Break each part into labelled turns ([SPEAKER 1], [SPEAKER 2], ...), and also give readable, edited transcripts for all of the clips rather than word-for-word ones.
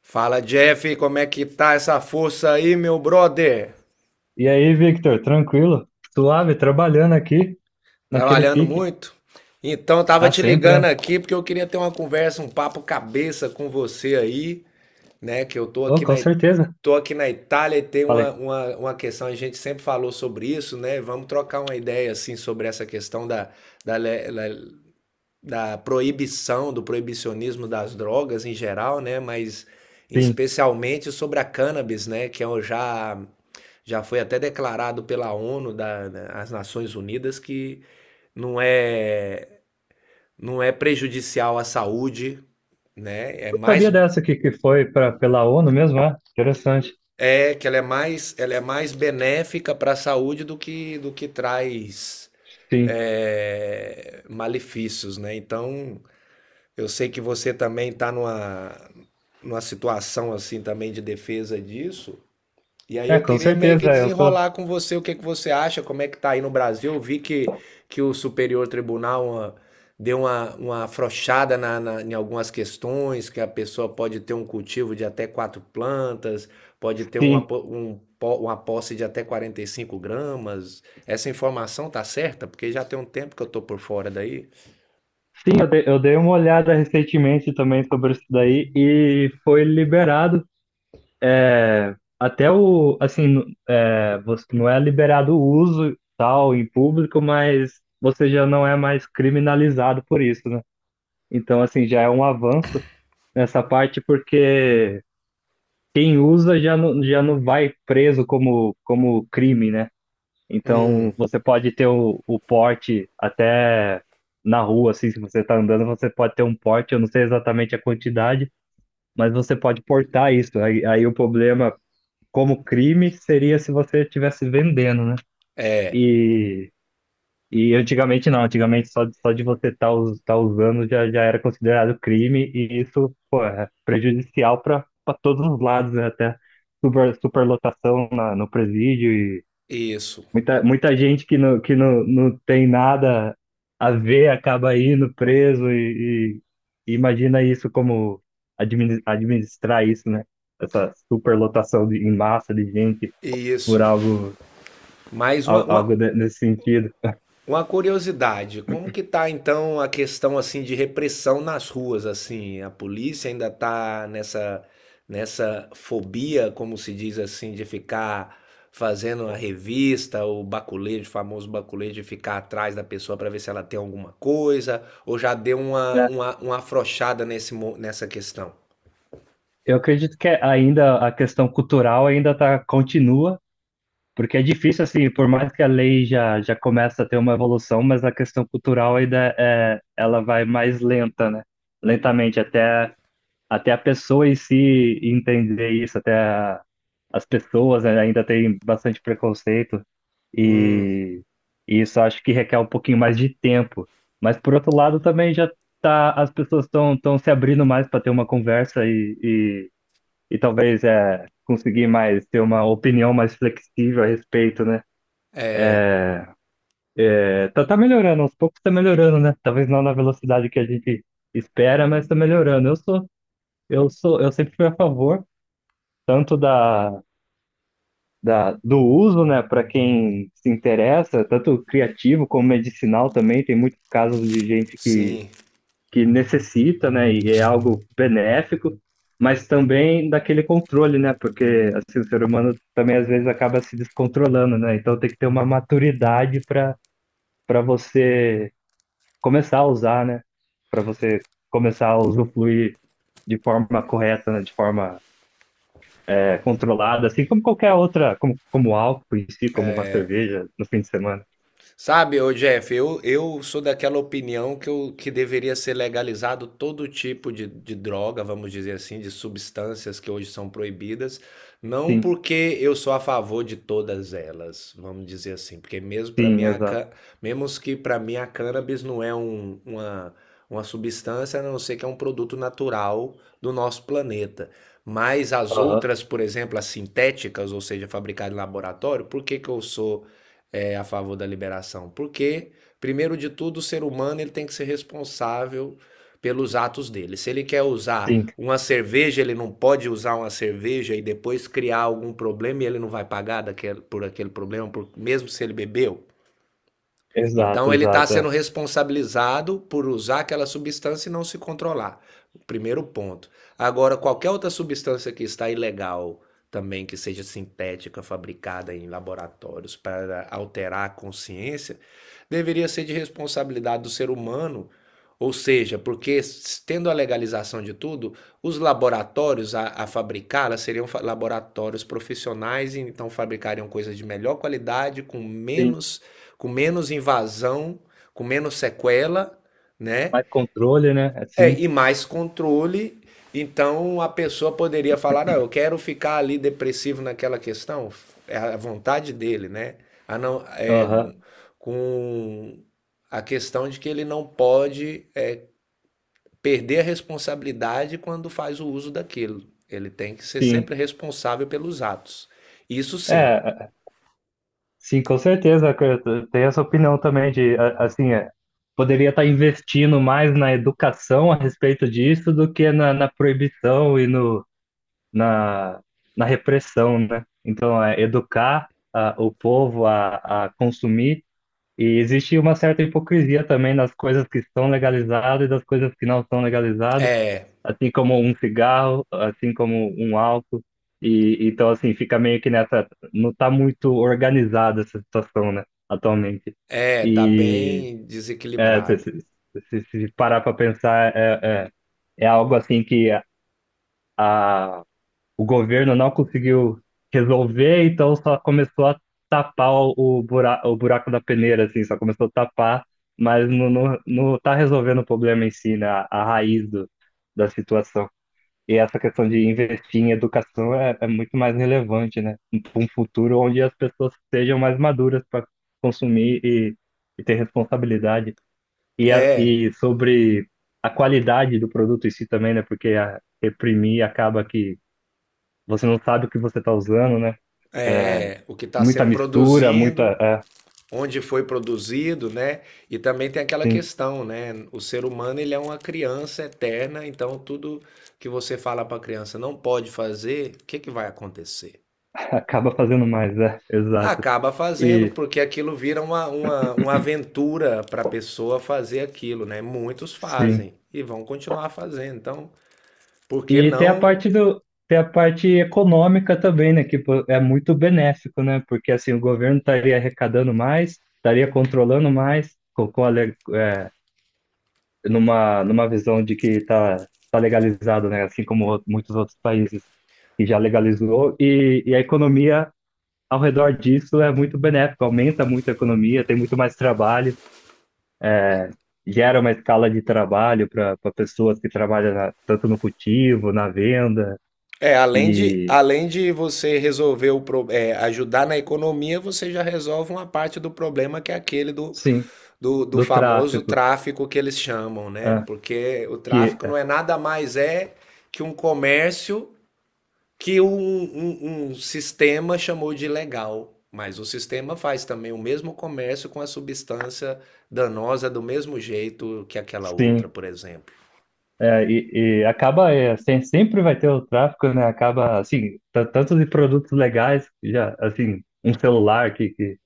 [SPEAKER 1] Fala Jeff, como é que tá essa força aí, meu brother?
[SPEAKER 2] E aí, Victor, tranquilo? Suave, trabalhando aqui, naquele
[SPEAKER 1] Trabalhando
[SPEAKER 2] pique.
[SPEAKER 1] muito? Então, eu tava
[SPEAKER 2] Ah,
[SPEAKER 1] te
[SPEAKER 2] sempre,
[SPEAKER 1] ligando
[SPEAKER 2] né?
[SPEAKER 1] aqui porque eu queria ter uma conversa, um papo cabeça com você aí, né? Que eu tô
[SPEAKER 2] Oh,
[SPEAKER 1] aqui
[SPEAKER 2] com
[SPEAKER 1] na,
[SPEAKER 2] certeza.
[SPEAKER 1] tô aqui na Itália e tem uma,
[SPEAKER 2] Falei,
[SPEAKER 1] uma, uma questão, a gente sempre falou sobre isso, né? Vamos trocar uma ideia, assim, sobre essa questão da, le- le- da proibição, do proibicionismo das drogas em geral, né? Mas
[SPEAKER 2] sim.
[SPEAKER 1] especialmente sobre a cannabis, né? Que eu já Já foi até declarado pela ONU, da, né, as Nações Unidas, que não é, não é prejudicial à saúde, né? É
[SPEAKER 2] Eu sabia
[SPEAKER 1] mais
[SPEAKER 2] dessa aqui que foi pra, pela ONU mesmo, é? Interessante.
[SPEAKER 1] é que ela é mais benéfica para a saúde do que traz
[SPEAKER 2] Sim.
[SPEAKER 1] malefícios, né? Então, eu sei que você também está numa situação assim também de defesa disso. E aí
[SPEAKER 2] É,
[SPEAKER 1] eu
[SPEAKER 2] com
[SPEAKER 1] queria meio que
[SPEAKER 2] certeza, eu sou.
[SPEAKER 1] desenrolar com você o que que você acha, como é que tá aí no Brasil. Eu vi que o Superior Tribunal deu uma afrouxada em algumas questões, que a pessoa pode ter um cultivo de até quatro plantas, pode ter uma,
[SPEAKER 2] Sim.
[SPEAKER 1] po- um, po- uma posse de até 45 gramas. Essa informação tá certa? Porque já tem um tempo que eu tô por fora daí.
[SPEAKER 2] Sim, eu dei uma olhada recentemente também sobre isso daí e foi liberado. É, até o, assim, é, você não é liberado o uso e tal em público, mas você já não é mais criminalizado por isso, né? Então, assim, já é um avanço nessa parte, porque quem usa já não vai preso como, como crime, né?
[SPEAKER 1] Hum,
[SPEAKER 2] Então, você pode ter o porte até na rua, assim, se você está andando, você pode ter um porte, eu não sei exatamente a quantidade, mas você pode portar isso. Aí, aí o problema como crime seria se você estivesse vendendo, né?
[SPEAKER 1] é,
[SPEAKER 2] E E antigamente não, antigamente só, só de você estar usando já, já era considerado crime, e isso, pô, é prejudicial para todos os lados, né? Até super, superlotação na, no presídio e
[SPEAKER 1] isso.
[SPEAKER 2] muita, muita gente que não, não tem nada a ver acaba indo preso e imagina isso como administrar isso, né? Essa superlotação de, em massa de gente por
[SPEAKER 1] Isso.
[SPEAKER 2] algo,
[SPEAKER 1] Mais uma, uma,
[SPEAKER 2] algo nesse sentido.
[SPEAKER 1] Uma curiosidade, como que tá então a questão assim de repressão nas ruas assim? A polícia ainda tá nessa nessa fobia, como se diz assim, de ficar fazendo a revista, o baculejo, o famoso baculejo de ficar atrás da pessoa para ver se ela tem alguma coisa, ou já deu uma afrouxada nessa questão?
[SPEAKER 2] Eu acredito que ainda a questão cultural ainda tá, continua, porque é difícil, assim, por mais que a lei já, já começa a ter uma evolução, mas a questão cultural ainda é, ela vai mais lenta, né? Lentamente, até, até a pessoa em si entender isso, as pessoas né, ainda têm bastante preconceito,
[SPEAKER 1] Hum,
[SPEAKER 2] e, e isso acho que requer um pouquinho mais de tempo. Mas, por outro lado, também já tá, as pessoas estão se abrindo mais para ter uma conversa e, e talvez é, conseguir mais ter uma opinião mais flexível a respeito, né? É, tá, tá melhorando, aos poucos tá melhorando, né? Talvez não na velocidade que a gente espera, mas tá melhorando. Eu sou, eu sou, eu sempre fui a favor tanto da, da do uso, né, para quem se interessa, tanto criativo como medicinal também. Tem muitos casos de gente que
[SPEAKER 1] sim.
[SPEAKER 2] que necessita, né, e é algo benéfico, mas também daquele controle, né, porque assim, o ser humano também às vezes acaba se descontrolando, né, então tem que ter uma maturidade para para você começar a usar, né, para você começar a usufruir de forma correta, né, de forma é, controlada, assim como qualquer outra, como, como álcool em si, como uma cerveja no fim de semana.
[SPEAKER 1] Sabe, ô Jeff, eu sou daquela opinião que deveria ser legalizado todo tipo de droga, vamos dizer assim, de substâncias que hoje são proibidas, não
[SPEAKER 2] Sim,
[SPEAKER 1] porque eu sou a favor de todas elas, vamos dizer assim, porque mesmo para mim
[SPEAKER 2] sim,
[SPEAKER 1] a,
[SPEAKER 2] exato.
[SPEAKER 1] ca- mesmo que para mim a cannabis não é uma substância, a não ser que é um produto natural do nosso planeta. Mas as
[SPEAKER 2] Aham,
[SPEAKER 1] outras, por exemplo, as sintéticas, ou seja, fabricadas em laboratório, por que que eu sou a favor da liberação. Porque, primeiro de tudo, o ser humano ele tem que ser responsável pelos atos dele. Se ele quer
[SPEAKER 2] sim,
[SPEAKER 1] usar uma cerveja, ele não pode usar uma cerveja e depois criar algum problema e ele não vai pagar por aquele problema, mesmo se ele bebeu.
[SPEAKER 2] exato,
[SPEAKER 1] Então ele está
[SPEAKER 2] exato.
[SPEAKER 1] sendo
[SPEAKER 2] É.
[SPEAKER 1] responsabilizado por usar aquela substância e não se controlar. Primeiro ponto. Agora, qualquer outra substância que está ilegal também, que seja sintética, fabricada em laboratórios para alterar a consciência, deveria ser de responsabilidade do ser humano. Ou seja, porque tendo a legalização de tudo, os laboratórios a fabricá-la seriam laboratórios profissionais, e então fabricariam coisas de melhor qualidade,
[SPEAKER 2] Sim,
[SPEAKER 1] com menos invasão, com menos sequela, né?
[SPEAKER 2] mais controle, né?
[SPEAKER 1] É,
[SPEAKER 2] Assim.
[SPEAKER 1] e mais controle. Então a pessoa poderia falar: não, eu quero ficar ali depressivo naquela questão. É a vontade dele, né? A não, é, com a questão de que ele não pode perder a responsabilidade quando faz o uso daquilo. Ele tem que ser
[SPEAKER 2] Sim,
[SPEAKER 1] sempre responsável pelos atos. Isso sim,
[SPEAKER 2] é, sim, com certeza. Eu tenho essa opinião também de, assim, é, poderia estar investindo mais na educação a respeito disso do que na, na proibição e no, na, na repressão, né? Então, é educar ah, o povo a consumir. E existe uma certa hipocrisia também nas coisas que estão legalizadas e das coisas que não são legalizadas. Assim como um cigarro, assim como um álcool. E então assim, fica meio que nessa, não tá muito organizada essa situação, né, atualmente.
[SPEAKER 1] é, tá
[SPEAKER 2] E
[SPEAKER 1] bem
[SPEAKER 2] é, se,
[SPEAKER 1] desequilibrado.
[SPEAKER 2] se, se parar para pensar, é, é, é algo assim que a- o governo não conseguiu resolver, então só começou a tapar o, o buraco da peneira, assim, só começou a tapar, mas não, não, não tá resolvendo o problema em si, né, a raiz do, da situação. E essa questão de investir em educação é, é muito mais relevante, né? Para um futuro onde as pessoas sejam mais maduras para consumir e ter responsabilidade. E, a,
[SPEAKER 1] É,
[SPEAKER 2] e sobre a qualidade do produto em si também, né? Porque a, reprimir acaba que você não sabe o que você está usando, né? É,
[SPEAKER 1] é, o que está
[SPEAKER 2] muita
[SPEAKER 1] sendo
[SPEAKER 2] mistura, muita.
[SPEAKER 1] produzindo,
[SPEAKER 2] É,
[SPEAKER 1] onde foi produzido, né? E também tem aquela
[SPEAKER 2] sim,
[SPEAKER 1] questão, né? O ser humano ele é uma criança eterna, então tudo que você fala para a criança não pode fazer, o que, que vai acontecer?
[SPEAKER 2] acaba fazendo mais, é, exato.
[SPEAKER 1] Acaba fazendo,
[SPEAKER 2] E
[SPEAKER 1] porque aquilo vira uma aventura para a pessoa fazer aquilo, né? Muitos
[SPEAKER 2] sim.
[SPEAKER 1] fazem e vão continuar fazendo. Então, por que
[SPEAKER 2] E tem a
[SPEAKER 1] não
[SPEAKER 2] parte do, tem a parte econômica também, né? Que pô, é muito benéfico, né? Porque assim, o governo estaria arrecadando mais, estaria controlando mais, com a, é, numa, numa visão de que está tá tá legalizado, né? Assim como muitos outros países que já legalizou, e a economia ao redor disso é muito benéfica, aumenta muito a economia, tem muito mais trabalho, gera uma escala de trabalho para pessoas que trabalham tanto no cultivo, na venda,
[SPEAKER 1] É,
[SPEAKER 2] e
[SPEAKER 1] além de você resolver ajudar na economia, você já resolve uma parte do problema que é aquele
[SPEAKER 2] sim.
[SPEAKER 1] do
[SPEAKER 2] Do
[SPEAKER 1] famoso
[SPEAKER 2] tráfico,
[SPEAKER 1] tráfico que eles chamam, né?
[SPEAKER 2] ah,
[SPEAKER 1] Porque o
[SPEAKER 2] que
[SPEAKER 1] tráfico não
[SPEAKER 2] é,
[SPEAKER 1] é nada mais é que um comércio que um sistema chamou de legal. Mas o sistema faz também o mesmo comércio com a substância danosa do mesmo jeito que aquela outra,
[SPEAKER 2] sim,
[SPEAKER 1] por exemplo.
[SPEAKER 2] é, e acaba é, sempre vai ter o tráfico, né? Acaba assim, tanto de produtos legais, já assim, um celular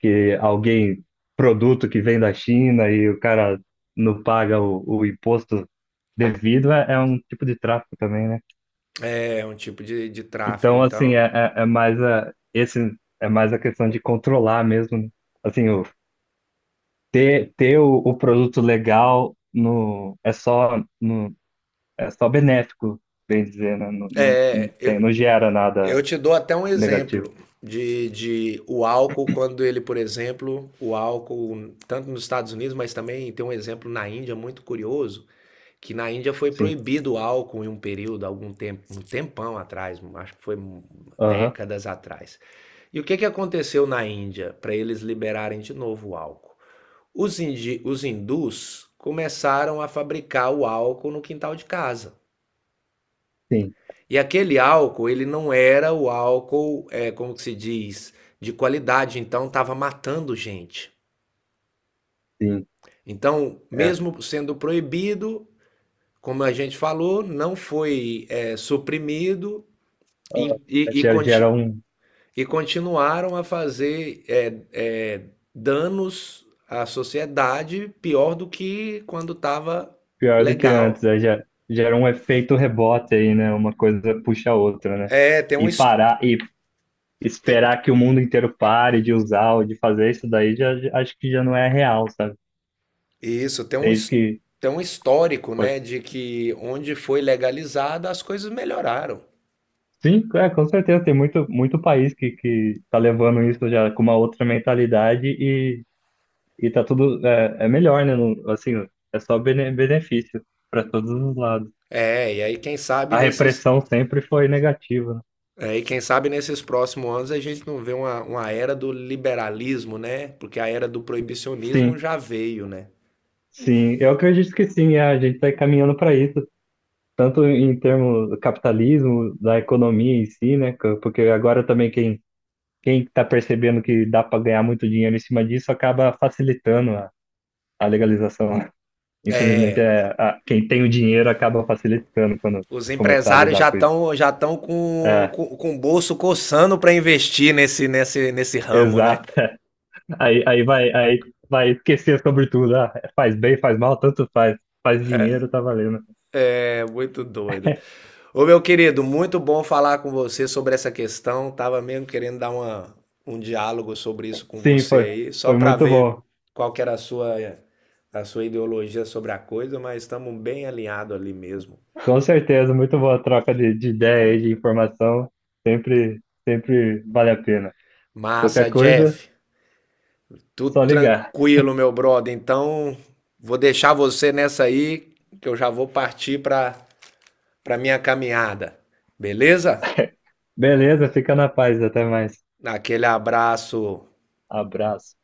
[SPEAKER 2] que alguém produto que vem da China e o cara não paga o imposto devido é, é um tipo de tráfico também, né?
[SPEAKER 1] É um tipo de tráfico.
[SPEAKER 2] Então assim é,
[SPEAKER 1] Então,
[SPEAKER 2] é, é mais a esse é mais a questão de controlar mesmo, né? Assim, o ter, ter o produto legal no, é só no, é só benéfico, bem dizer, né? Não, não, não tem, não gera
[SPEAKER 1] eu
[SPEAKER 2] nada
[SPEAKER 1] te dou até um
[SPEAKER 2] negativo.
[SPEAKER 1] exemplo de o álcool, quando ele, por exemplo, o álcool, tanto nos Estados Unidos, mas também tem um exemplo na Índia muito curioso, que na Índia foi
[SPEAKER 2] Sim.
[SPEAKER 1] proibido o álcool em um período, algum tempo, um tempão atrás, acho que foi
[SPEAKER 2] Aham.
[SPEAKER 1] décadas atrás. E o que que aconteceu na Índia para eles liberarem de novo o álcool? Os hindus começaram a fabricar o álcool no quintal de casa.
[SPEAKER 2] Sim,
[SPEAKER 1] E aquele álcool, ele não era o álcool, como que se diz, de qualidade, então estava matando gente.
[SPEAKER 2] sim.
[SPEAKER 1] Então,
[SPEAKER 2] É.
[SPEAKER 1] mesmo sendo proibido, como a gente falou, não foi suprimido
[SPEAKER 2] Ah,
[SPEAKER 1] e
[SPEAKER 2] gera, gera um
[SPEAKER 1] e continuaram a fazer danos à sociedade pior do que quando estava
[SPEAKER 2] pior do que antes,
[SPEAKER 1] legal.
[SPEAKER 2] é, gera, gera um efeito rebote aí, né? Uma coisa puxa a outra, né?
[SPEAKER 1] É, tem um,
[SPEAKER 2] E
[SPEAKER 1] his-
[SPEAKER 2] parar e esperar que o mundo inteiro pare de usar ou de fazer isso daí, já, acho que já não é real, sabe?
[SPEAKER 1] Isso,
[SPEAKER 2] Desde que.
[SPEAKER 1] tem um histórico,
[SPEAKER 2] Pode-
[SPEAKER 1] né, de que onde foi legalizada as coisas melhoraram.
[SPEAKER 2] sim, é, com certeza, tem muito, muito país que tá levando isso já com uma outra mentalidade e tá tudo. É, é melhor, né? Não- assim, é só benefício para todos os lados.
[SPEAKER 1] É, e aí quem sabe
[SPEAKER 2] A
[SPEAKER 1] nesses,
[SPEAKER 2] repressão sempre foi negativa, né?
[SPEAKER 1] e quem sabe nesses próximos anos a gente não vê uma era do liberalismo, né? Porque a era do proibicionismo
[SPEAKER 2] Sim,
[SPEAKER 1] já veio, né?
[SPEAKER 2] sim. Eu acredito que sim, é, a gente está caminhando para isso. Tanto em termos do capitalismo, da economia em si, né? Porque agora também quem quem está percebendo que dá para ganhar muito dinheiro em cima disso acaba facilitando a legalização. Né? Infelizmente,
[SPEAKER 1] É,
[SPEAKER 2] é, quem tem o dinheiro acaba facilitando quando
[SPEAKER 1] os
[SPEAKER 2] começar a
[SPEAKER 1] empresários
[SPEAKER 2] lidar com isso.
[SPEAKER 1] já estão
[SPEAKER 2] É,
[SPEAKER 1] com o bolso coçando para investir nesse ramo, né?
[SPEAKER 2] exato. Aí, aí vai esquecer sobre tudo. Ah, faz bem, faz mal, tanto faz. Faz dinheiro, tá valendo.
[SPEAKER 1] É muito doido. Ô, meu querido, muito bom falar com você sobre essa questão. Tava mesmo querendo dar um diálogo sobre isso com
[SPEAKER 2] Sim,
[SPEAKER 1] você
[SPEAKER 2] foi,
[SPEAKER 1] aí, só
[SPEAKER 2] foi
[SPEAKER 1] para
[SPEAKER 2] muito
[SPEAKER 1] ver
[SPEAKER 2] bom.
[SPEAKER 1] qual que era a sua ideologia sobre a coisa, mas estamos bem alinhados ali mesmo.
[SPEAKER 2] Com certeza, muito boa a troca de ideia e de informação. Sempre, sempre vale a pena. Qualquer
[SPEAKER 1] Massa,
[SPEAKER 2] coisa,
[SPEAKER 1] Jeff. Tudo
[SPEAKER 2] só ligar.
[SPEAKER 1] tranquilo, meu brother. Então, vou deixar você nessa aí, que eu já vou partir para minha caminhada. Beleza?
[SPEAKER 2] Beleza, fica na paz, até mais.
[SPEAKER 1] Aquele abraço
[SPEAKER 2] Abraço.